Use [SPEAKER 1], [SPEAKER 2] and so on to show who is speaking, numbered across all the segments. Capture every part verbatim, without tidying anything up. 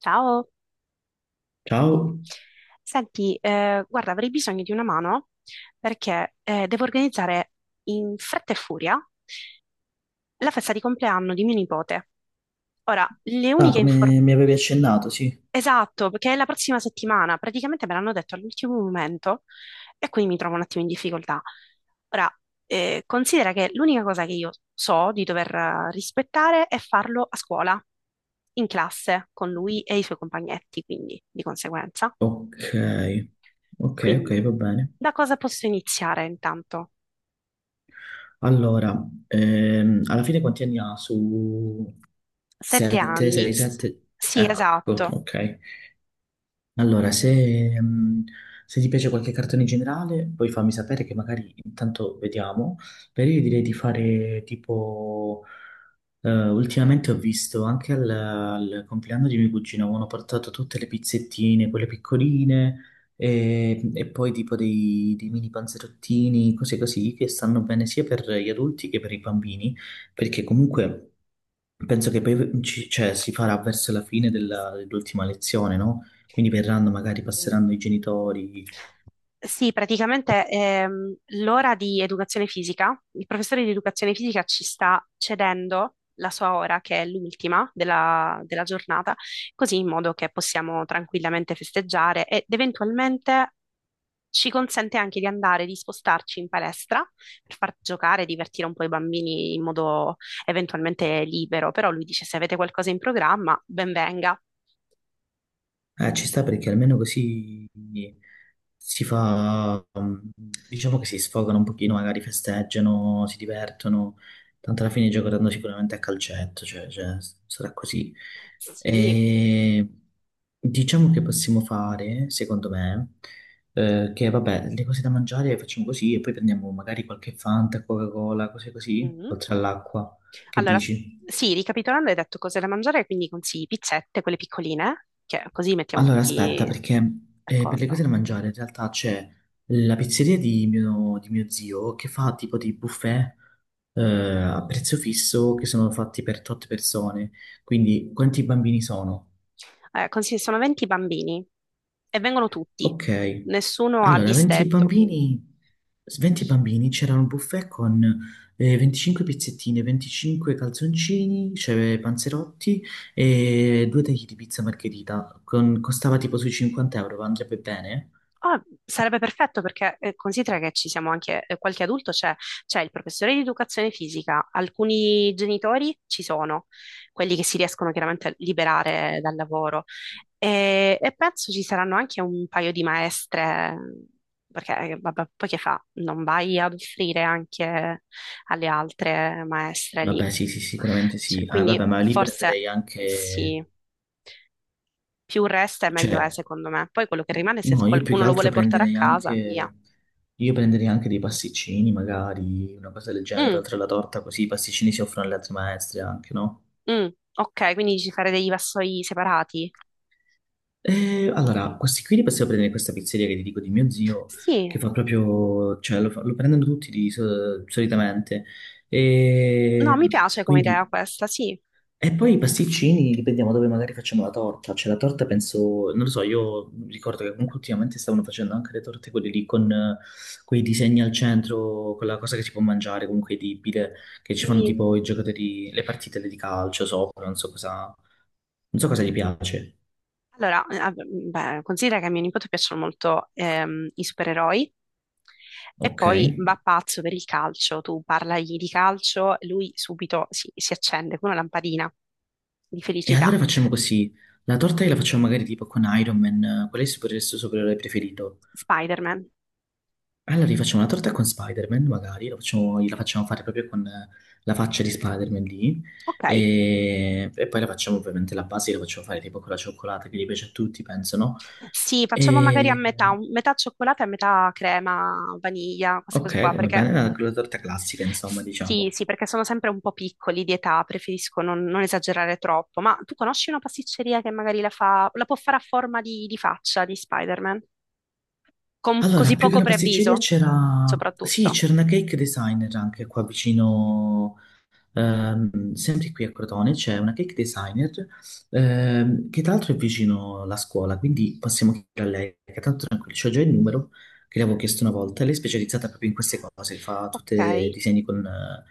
[SPEAKER 1] Ciao,
[SPEAKER 2] Ciao.
[SPEAKER 1] senti, eh, guarda, avrei bisogno di una mano perché eh, devo organizzare in fretta e furia la festa di compleanno di mio nipote. Ora, le
[SPEAKER 2] Ah,
[SPEAKER 1] uniche
[SPEAKER 2] come
[SPEAKER 1] informazioni...
[SPEAKER 2] mi avevi accennato, sì.
[SPEAKER 1] Esatto, perché è la prossima settimana, praticamente me l'hanno detto all'ultimo momento e quindi mi trovo un attimo in difficoltà. Ora, eh, considera che l'unica cosa che io so di dover eh, rispettare è farlo a scuola, in classe, con lui e i suoi compagnetti, quindi di conseguenza.
[SPEAKER 2] Ok, ok, ok,
[SPEAKER 1] Quindi,
[SPEAKER 2] va bene.
[SPEAKER 1] da cosa posso iniziare intanto?
[SPEAKER 2] Allora, ehm, alla fine quanti anni ha su
[SPEAKER 1] Sette
[SPEAKER 2] sette,
[SPEAKER 1] anni.
[SPEAKER 2] sei,
[SPEAKER 1] S-
[SPEAKER 2] sette?
[SPEAKER 1] Sì,
[SPEAKER 2] Ecco,
[SPEAKER 1] esatto.
[SPEAKER 2] ok. Allora, se, mh, se ti piace qualche cartone in generale, poi fammi sapere che magari intanto vediamo. Per io direi di fare tipo. Eh, ultimamente ho visto anche al, al compleanno di mio cugino, avevano portato tutte le pizzettine, quelle piccoline, e, e poi tipo dei, dei mini panzerottini, cose così, che stanno bene sia per gli adulti che per i bambini, perché comunque. Penso che poi ci- cioè, si farà verso la fine della- dell'ultima lezione, no? Quindi verranno, magari
[SPEAKER 1] Sì,
[SPEAKER 2] passeranno i genitori.
[SPEAKER 1] sì, praticamente ehm, l'ora di educazione fisica, il professore di educazione fisica ci sta cedendo la sua ora, che è l'ultima della, della giornata, così in modo che possiamo tranquillamente festeggiare ed eventualmente ci consente anche di andare, di spostarci in palestra per far giocare, divertire un po' i bambini in modo eventualmente libero, però lui dice se avete qualcosa in programma, ben venga.
[SPEAKER 2] Eh, ci sta perché almeno così si fa, um, diciamo che si sfogano un pochino, magari festeggiano, si divertono, tanto alla fine giocheranno sicuramente a calcetto, cioè, cioè, sarà così.
[SPEAKER 1] Sì.
[SPEAKER 2] E diciamo che possiamo fare, secondo me, eh, che vabbè, le cose da mangiare le facciamo così e poi prendiamo magari qualche Fanta, Coca-Cola, cose così,
[SPEAKER 1] Mhm.
[SPEAKER 2] oltre all'acqua. Che
[SPEAKER 1] Allora,
[SPEAKER 2] dici?
[SPEAKER 1] sì, ricapitolando, hai detto cose da mangiare, quindi consigli pizzette, quelle piccoline, che così mettiamo
[SPEAKER 2] Allora, aspetta,
[SPEAKER 1] tutti
[SPEAKER 2] perché eh, per le cose
[SPEAKER 1] d'accordo.
[SPEAKER 2] da mangiare in realtà c'è la pizzeria di mio, di mio zio che fa tipo dei buffet eh, a prezzo fisso che sono fatti per tot persone. Quindi, quanti bambini sono?
[SPEAKER 1] Eh, consigli, sono venti bambini e vengono tutti,
[SPEAKER 2] Ok.
[SPEAKER 1] nessuno ha
[SPEAKER 2] Allora, venti
[SPEAKER 1] disdetto, quindi
[SPEAKER 2] bambini, s- venti bambini, c'era un buffet con eh, venticinque pizzettine, venticinque calzoncini, c'era panzerotti e due tagli di pizza margherita. Con- costava tipo sui cinquanta euro, ma andrebbe bene?
[SPEAKER 1] ah, sarebbe perfetto perché eh, considera che ci siamo anche, eh, qualche adulto c'è, c'è il professore di educazione fisica, alcuni genitori ci sono, quelli che si riescono chiaramente a liberare dal lavoro e, e penso ci saranno anche un paio di maestre, perché eh, vabbè, poi che fa? Non vai ad offrire anche alle altre maestre lì.
[SPEAKER 2] Vabbè, sì, sì, sicuramente
[SPEAKER 1] Cioè,
[SPEAKER 2] sì. Ah, vabbè,
[SPEAKER 1] quindi
[SPEAKER 2] ma lì
[SPEAKER 1] forse
[SPEAKER 2] prenderei anche.
[SPEAKER 1] sì, più resta e meglio è,
[SPEAKER 2] Cioè,
[SPEAKER 1] secondo me. Poi quello che rimane, se
[SPEAKER 2] no, io più
[SPEAKER 1] qualcuno
[SPEAKER 2] che
[SPEAKER 1] lo
[SPEAKER 2] altro
[SPEAKER 1] vuole portare a
[SPEAKER 2] prenderei
[SPEAKER 1] casa, via.
[SPEAKER 2] anche. Io prenderei anche dei pasticcini, magari, una cosa del genere,
[SPEAKER 1] Mm,
[SPEAKER 2] oltre alla torta, così i pasticcini si offrono alle altre maestre anche, no?
[SPEAKER 1] mm, ok, quindi dici fare dei vassoi separati?
[SPEAKER 2] Eh, allora, questi qui li possiamo prendere in questa pizzeria che ti dico di mio zio,
[SPEAKER 1] Sì,
[SPEAKER 2] che fa proprio. Cioè, lo, fa- lo prendono tutti di, so- solitamente.
[SPEAKER 1] no,
[SPEAKER 2] E
[SPEAKER 1] mi piace come idea
[SPEAKER 2] quindi
[SPEAKER 1] questa, sì.
[SPEAKER 2] e poi i pasticcini dipendiamo dove magari facciamo la torta. Cioè, la torta penso, non lo so, io ricordo che comunque ultimamente stavano facendo anche le torte quelle lì con eh, quei disegni al centro, quella cosa che si può mangiare, comunque edibile, che ci fanno
[SPEAKER 1] Sì.
[SPEAKER 2] tipo i giocatori, le partite di calcio sopra, non so cosa, non so cosa gli piace.
[SPEAKER 1] Allora, eh, vabbè, beh, considera che a mio nipote piacciono molto ehm, i supereroi e
[SPEAKER 2] Ok.
[SPEAKER 1] poi
[SPEAKER 2] E
[SPEAKER 1] va pazzo per il calcio. Tu parlagli di calcio, lui subito si, si accende come una lampadina di felicità.
[SPEAKER 2] allora facciamo così. La torta la facciamo magari tipo con Iron Man, eh, qual è il supereroe supereroe preferito?
[SPEAKER 1] Spider-Man.
[SPEAKER 2] Allora rifacciamo una torta con Spider-Man, magari, lo facciamo- la facciamo fare proprio con eh, la faccia di Spider-Man lì,
[SPEAKER 1] Ok,
[SPEAKER 2] e, e poi la facciamo ovviamente la base, la facciamo fare tipo con la cioccolata che gli piace a tutti, penso, no?
[SPEAKER 1] sì, facciamo magari a
[SPEAKER 2] E,
[SPEAKER 1] metà, un- metà cioccolata e metà crema, vaniglia, queste cose
[SPEAKER 2] ok,
[SPEAKER 1] qua,
[SPEAKER 2] come
[SPEAKER 1] perché
[SPEAKER 2] bene, la, la torta classica, insomma,
[SPEAKER 1] sì,
[SPEAKER 2] diciamo.
[SPEAKER 1] sì, perché sono sempre un po' piccoli di età, preferisco non, non esagerare troppo. Ma tu conosci una pasticceria che magari la fa, la può fare a forma di, di, faccia di Spider-Man? Con
[SPEAKER 2] Allora,
[SPEAKER 1] così
[SPEAKER 2] più che
[SPEAKER 1] poco
[SPEAKER 2] una pasticceria
[SPEAKER 1] preavviso,
[SPEAKER 2] c'era. Sì,
[SPEAKER 1] soprattutto.
[SPEAKER 2] c'era una cake designer anche qua vicino. Ehm, sempre qui a Crotone c'è una cake designer, ehm, che tra l'altro è vicino alla scuola, quindi possiamo chiedere a lei, che tanto tranquillo, c'ho già il numero che le avevo chiesto una volta. Lei è specializzata proprio in queste cose, fa tutti
[SPEAKER 1] Ok,
[SPEAKER 2] i disegni con eh,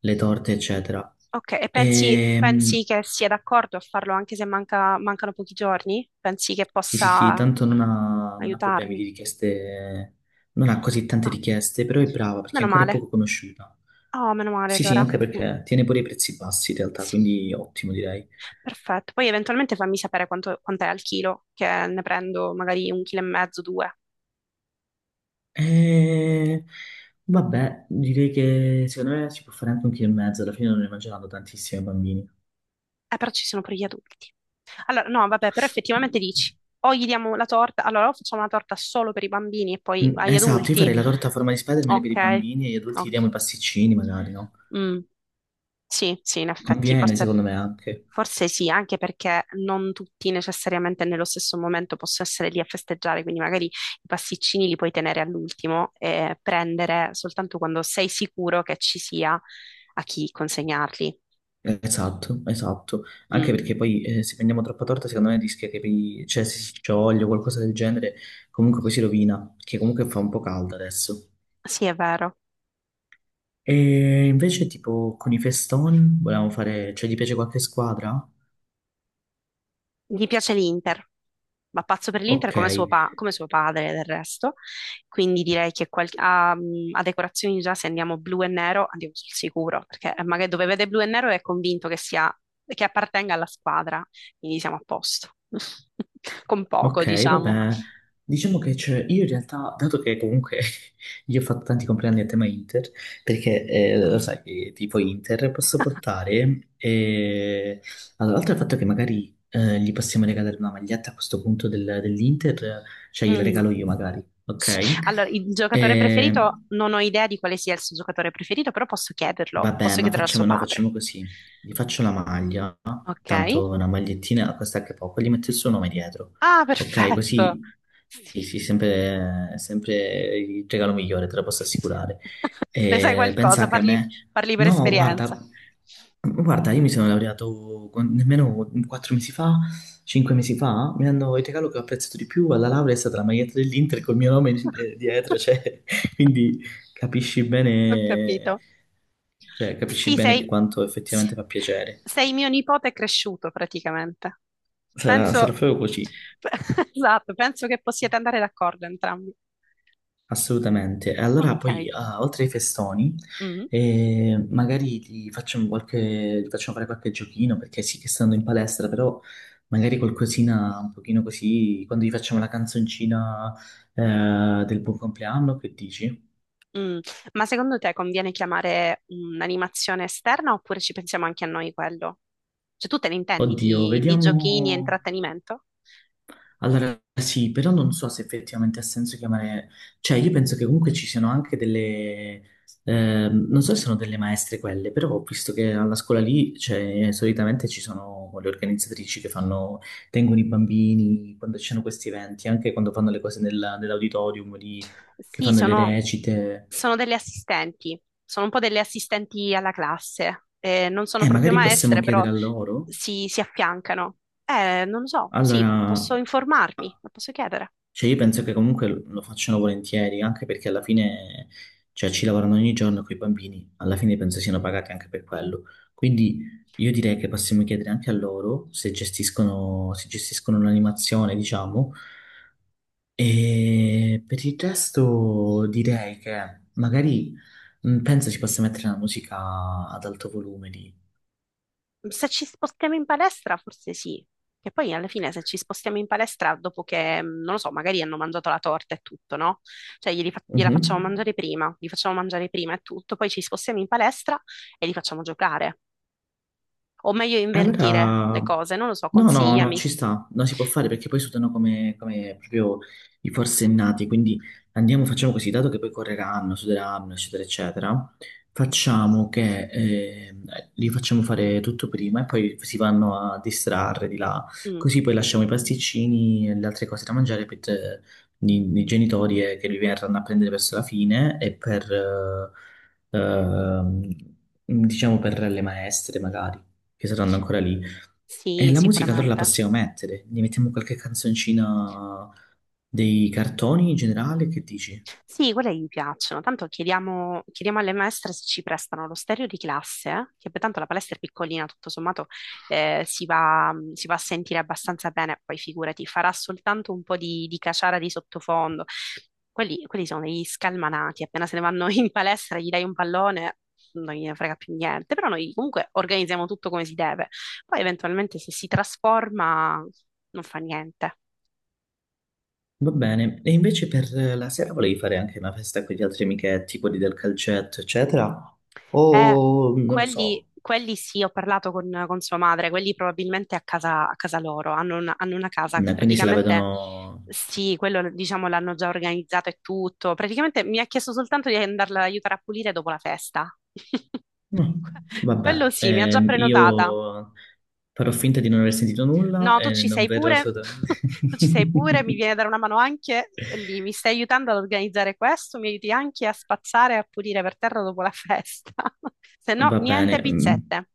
[SPEAKER 2] le torte, eccetera.
[SPEAKER 1] ok. E pensi,
[SPEAKER 2] Ehm,
[SPEAKER 1] pensi che sia d'accordo a farlo anche se manca- mancano pochi giorni? Pensi che
[SPEAKER 2] sì, sì, sì,
[SPEAKER 1] possa
[SPEAKER 2] tanto non ha, non ha problemi di
[SPEAKER 1] aiutarmi?
[SPEAKER 2] richieste, non ha così tante
[SPEAKER 1] Ah,
[SPEAKER 2] richieste, però è brava perché
[SPEAKER 1] meno
[SPEAKER 2] ancora è
[SPEAKER 1] male.
[SPEAKER 2] poco conosciuta.
[SPEAKER 1] Ah, meno male
[SPEAKER 2] Sì, sì,
[SPEAKER 1] allora.
[SPEAKER 2] anche
[SPEAKER 1] Mm,
[SPEAKER 2] perché tiene pure i prezzi bassi in realtà,
[SPEAKER 1] sì,
[SPEAKER 2] quindi ottimo direi.
[SPEAKER 1] perfetto. Poi eventualmente fammi sapere quanto, quant'è al chilo, che ne prendo magari un chilo e mezzo, due.
[SPEAKER 2] Eh, Vabbè, direi che secondo me si può fare anche un chilo e mezzo, alla fine non ne mangeranno tantissimi i bambini.
[SPEAKER 1] Eh, però ci sono pure gli adulti. Allora, no, vabbè, però effettivamente dici, o gli diamo la torta, allora o facciamo la torta solo per i bambini e poi
[SPEAKER 2] Mm.
[SPEAKER 1] agli
[SPEAKER 2] Esatto, io
[SPEAKER 1] adulti.
[SPEAKER 2] farei la torta a forma di Spider-Man per
[SPEAKER 1] Ok,
[SPEAKER 2] i bambini e gli adulti gli diamo
[SPEAKER 1] ok.
[SPEAKER 2] i pasticcini magari, no?
[SPEAKER 1] Mm. Sì, sì, in effetti,
[SPEAKER 2] Conviene
[SPEAKER 1] forse,
[SPEAKER 2] secondo me anche.
[SPEAKER 1] forse sì, anche perché non tutti necessariamente nello stesso momento possono essere lì a festeggiare, quindi magari i pasticcini li puoi tenere all'ultimo e prendere soltanto quando sei sicuro che ci sia a chi consegnarli.
[SPEAKER 2] Eh, Esatto, esatto. Anche
[SPEAKER 1] Mm,
[SPEAKER 2] perché poi eh, se prendiamo troppa torta secondo me rischia che poi- cioè, se si scioglie o qualcosa del genere, comunque poi si rovina, perché comunque fa un po' caldo adesso.
[SPEAKER 1] sì, è vero.
[SPEAKER 2] E invece tipo con i festoni volevamo fare, cioè gli piace qualche squadra?
[SPEAKER 1] Gli piace l'Inter, va pazzo per l'Inter
[SPEAKER 2] Ok,
[SPEAKER 1] come suo, pa- come suo padre del resto, quindi direi che qual- a, a decorazioni già se andiamo blu e nero andiamo sul sicuro, perché magari dove vede blu e nero è convinto che sia, che appartenga alla squadra, quindi siamo a posto, con poco
[SPEAKER 2] ok,
[SPEAKER 1] diciamo.
[SPEAKER 2] vabbè, diciamo che c'è, io in realtà, dato che comunque io ho fatto tanti compleanni a tema Inter, perché eh, lo sai che tipo Inter posso portare, eh, allora, oltre al fatto che magari eh, gli possiamo regalare una maglietta a questo punto del- dell'Inter, cioè gliela
[SPEAKER 1] Mm.
[SPEAKER 2] regalo io magari,
[SPEAKER 1] Sì.
[SPEAKER 2] ok?
[SPEAKER 1] Allora, il giocatore
[SPEAKER 2] Eh,
[SPEAKER 1] preferito, non ho idea di quale sia il suo giocatore preferito, però posso chiederlo,
[SPEAKER 2] Vabbè,
[SPEAKER 1] posso
[SPEAKER 2] ma
[SPEAKER 1] chiederlo a suo
[SPEAKER 2] facciamo, no,
[SPEAKER 1] padre.
[SPEAKER 2] facciamo così. Gli faccio la maglia,
[SPEAKER 1] Ok?
[SPEAKER 2] tanto una magliettina costa anche poco, gli metto il suo nome dietro.
[SPEAKER 1] Ah,
[SPEAKER 2] Ok,
[SPEAKER 1] perfetto.
[SPEAKER 2] così sì,
[SPEAKER 1] Sì.
[SPEAKER 2] sì, sempre, sempre il regalo migliore, te lo posso assicurare.
[SPEAKER 1] Ne sai
[SPEAKER 2] E
[SPEAKER 1] qualcosa,
[SPEAKER 2] pensa che a
[SPEAKER 1] parli,
[SPEAKER 2] me.
[SPEAKER 1] parli per
[SPEAKER 2] No, guarda,
[SPEAKER 1] esperienza.
[SPEAKER 2] guarda, io mi sono laureato con- nemmeno quattro mesi fa, cinque mesi fa, mi hanno il regalo che ho apprezzato di più alla laurea è stata la maglietta dell'Inter col mio nome eh, dietro, cioè, quindi capisci
[SPEAKER 1] Ho
[SPEAKER 2] bene,
[SPEAKER 1] capito.
[SPEAKER 2] cioè, capisci
[SPEAKER 1] Sì,
[SPEAKER 2] bene che
[SPEAKER 1] sei,
[SPEAKER 2] quanto
[SPEAKER 1] sì.
[SPEAKER 2] effettivamente fa piacere.
[SPEAKER 1] Sei mio nipote cresciuto praticamente.
[SPEAKER 2] Sarà, sarà
[SPEAKER 1] Penso,
[SPEAKER 2] proprio così,
[SPEAKER 1] esatto, penso che possiate andare d'accordo entrambi.
[SPEAKER 2] assolutamente. E allora
[SPEAKER 1] Ok.
[SPEAKER 2] poi, ah, oltre ai festoni,
[SPEAKER 1] Mm,
[SPEAKER 2] eh, magari ti facciamo qualche, ti facciamo fare qualche giochino, perché sì che stando in palestra, però magari qualcosina un pochino così, quando gli facciamo la canzoncina, eh, del buon compleanno, che dici?
[SPEAKER 1] mm. Ma secondo te conviene chiamare un'animazione esterna oppure ci pensiamo anche a noi quello? Cioè, tu te ne intendi
[SPEAKER 2] Oddio,
[SPEAKER 1] di, di, giochini e
[SPEAKER 2] vediamo.
[SPEAKER 1] intrattenimento?
[SPEAKER 2] Allora sì, però non so se effettivamente ha senso chiamare, cioè io penso che comunque ci siano anche delle, ehm, non so se sono delle maestre quelle, però ho visto che alla scuola lì, cioè, solitamente ci sono le organizzatrici che fanno, tengono i bambini quando ci sono questi eventi, anche quando fanno le cose nella- nell'auditorium lì, che
[SPEAKER 1] Sì,
[SPEAKER 2] fanno le
[SPEAKER 1] sono,
[SPEAKER 2] recite.
[SPEAKER 1] sono delle assistenti, sono un po' delle assistenti alla classe. Eh, non sono
[SPEAKER 2] Eh,
[SPEAKER 1] proprio
[SPEAKER 2] magari possiamo
[SPEAKER 1] maestre,
[SPEAKER 2] chiedere
[SPEAKER 1] però
[SPEAKER 2] a loro.
[SPEAKER 1] si, si affiancano. Eh, non lo so, sì,
[SPEAKER 2] Allora,
[SPEAKER 1] posso informarmi, lo posso chiedere.
[SPEAKER 2] cioè, io penso che comunque lo facciano volentieri, anche perché alla fine, cioè, ci lavorano ogni giorno con i bambini, alla fine penso siano pagati anche per quello. Quindi io direi che possiamo chiedere anche a loro se gestiscono, se gestiscono l'animazione,
[SPEAKER 1] Mm.
[SPEAKER 2] diciamo. E per il resto direi che magari mh, penso si possa mettere una musica ad alto volume lì.
[SPEAKER 1] Se ci spostiamo in palestra, forse sì. Che poi alla fine se ci spostiamo in palestra, dopo che, mm, non lo so, magari hanno mangiato la torta e tutto, no? Cioè glieli fa- gliela facciamo
[SPEAKER 2] Mhm.
[SPEAKER 1] mangiare prima, li facciamo mangiare prima e tutto, poi ci spostiamo in palestra e li facciamo giocare. O meglio
[SPEAKER 2] E
[SPEAKER 1] invertire
[SPEAKER 2] allora,
[SPEAKER 1] le cose, non lo so,
[SPEAKER 2] no, no, no,
[SPEAKER 1] consigliami.
[SPEAKER 2] ci sta, non si può fare perché poi sudano come, come proprio i forsennati, quindi andiamo, facciamo così, dato che poi correranno, suderanno, eccetera, eccetera, facciamo che eh, li facciamo fare tutto prima e poi si vanno a distrarre di là,
[SPEAKER 1] Mm,
[SPEAKER 2] così poi lasciamo i pasticcini e le altre cose da mangiare per eh, i, i genitori eh, che li verranno a prendere verso la fine e per, eh, ehm, diciamo, per le maestre magari che saranno ancora lì. E
[SPEAKER 1] sì,
[SPEAKER 2] la musica allora la
[SPEAKER 1] sicuramente.
[SPEAKER 2] possiamo mettere, gli mettiamo qualche canzoncina dei cartoni in generale, che dici?
[SPEAKER 1] Sì, quelle gli piacciono. Tanto chiediamo, chiediamo alle maestre se ci prestano lo stereo di classe, eh, che poi tanto la palestra è piccolina, tutto sommato eh, si va, mm, si va a sentire abbastanza bene, poi figurati, farà soltanto un po' di, di caciara di sottofondo. Quelli, quelli sono degli scalmanati, appena se ne vanno in palestra gli dai un pallone, non gliene frega più niente, però noi comunque organizziamo tutto come si deve. Poi eventualmente se si trasforma non fa niente.
[SPEAKER 2] Va bene, e invece per la sera volevi fare anche una festa con gli altri amichetti, quelli del calcetto, eccetera?
[SPEAKER 1] Eh,
[SPEAKER 2] O non lo
[SPEAKER 1] quelli,
[SPEAKER 2] so.
[SPEAKER 1] quelli sì, ho parlato con, con sua madre, quelli probabilmente a casa, a casa loro, hanno una, hanno una casa,
[SPEAKER 2] Eh, quindi se la
[SPEAKER 1] praticamente
[SPEAKER 2] vedono.
[SPEAKER 1] sì, quello diciamo l'hanno già organizzato e tutto, praticamente mi ha chiesto soltanto di andarla ad aiutare a pulire dopo la festa.
[SPEAKER 2] Mm,
[SPEAKER 1] Que- Quello
[SPEAKER 2] vabbè,
[SPEAKER 1] sì, mi ha già
[SPEAKER 2] Ehm,
[SPEAKER 1] prenotata.
[SPEAKER 2] io farò finta di non aver sentito nulla
[SPEAKER 1] No, tu
[SPEAKER 2] e
[SPEAKER 1] ci
[SPEAKER 2] non
[SPEAKER 1] sei
[SPEAKER 2] verrò
[SPEAKER 1] pure,
[SPEAKER 2] assolutamente.
[SPEAKER 1] tu ci sei pure, mi viene a dare una mano anche lì, mi stai aiutando ad organizzare questo, mi aiuti anche a spazzare e a pulire per terra dopo la festa, se no
[SPEAKER 2] Va bene,
[SPEAKER 1] niente
[SPEAKER 2] mm,
[SPEAKER 1] pizzette.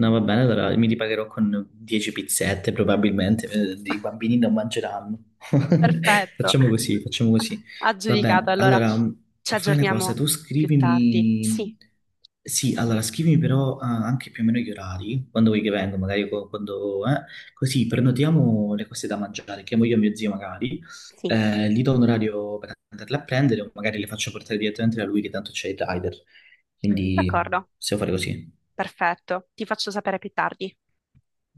[SPEAKER 2] no, va bene, allora mi ripagherò con dieci pizzette probabilmente, eh, i bambini non mangeranno.
[SPEAKER 1] Perfetto,
[SPEAKER 2] Facciamo così, facciamo così.
[SPEAKER 1] aggiudicato.
[SPEAKER 2] Vabbè,
[SPEAKER 1] Allora,
[SPEAKER 2] allora mh,
[SPEAKER 1] ci
[SPEAKER 2] fai una cosa,
[SPEAKER 1] aggiorniamo
[SPEAKER 2] tu
[SPEAKER 1] più tardi. Sì,
[SPEAKER 2] scrivimi. Sì, allora scrivimi però ah, anche più o meno gli orari, quando vuoi che vengo, magari co- quando, eh, così prenotiamo le cose da mangiare, chiamo io e mio zio magari,
[SPEAKER 1] sì,
[SPEAKER 2] eh, gli do un orario per andarle a prendere o magari le faccio portare direttamente da lui che tanto c'è il rider. Quindi
[SPEAKER 1] d'accordo,
[SPEAKER 2] possiamo fare così.
[SPEAKER 1] perfetto. Ti faccio sapere più tardi.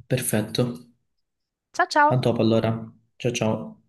[SPEAKER 2] Perfetto.
[SPEAKER 1] Ciao
[SPEAKER 2] A
[SPEAKER 1] ciao!
[SPEAKER 2] dopo allora. Ciao ciao.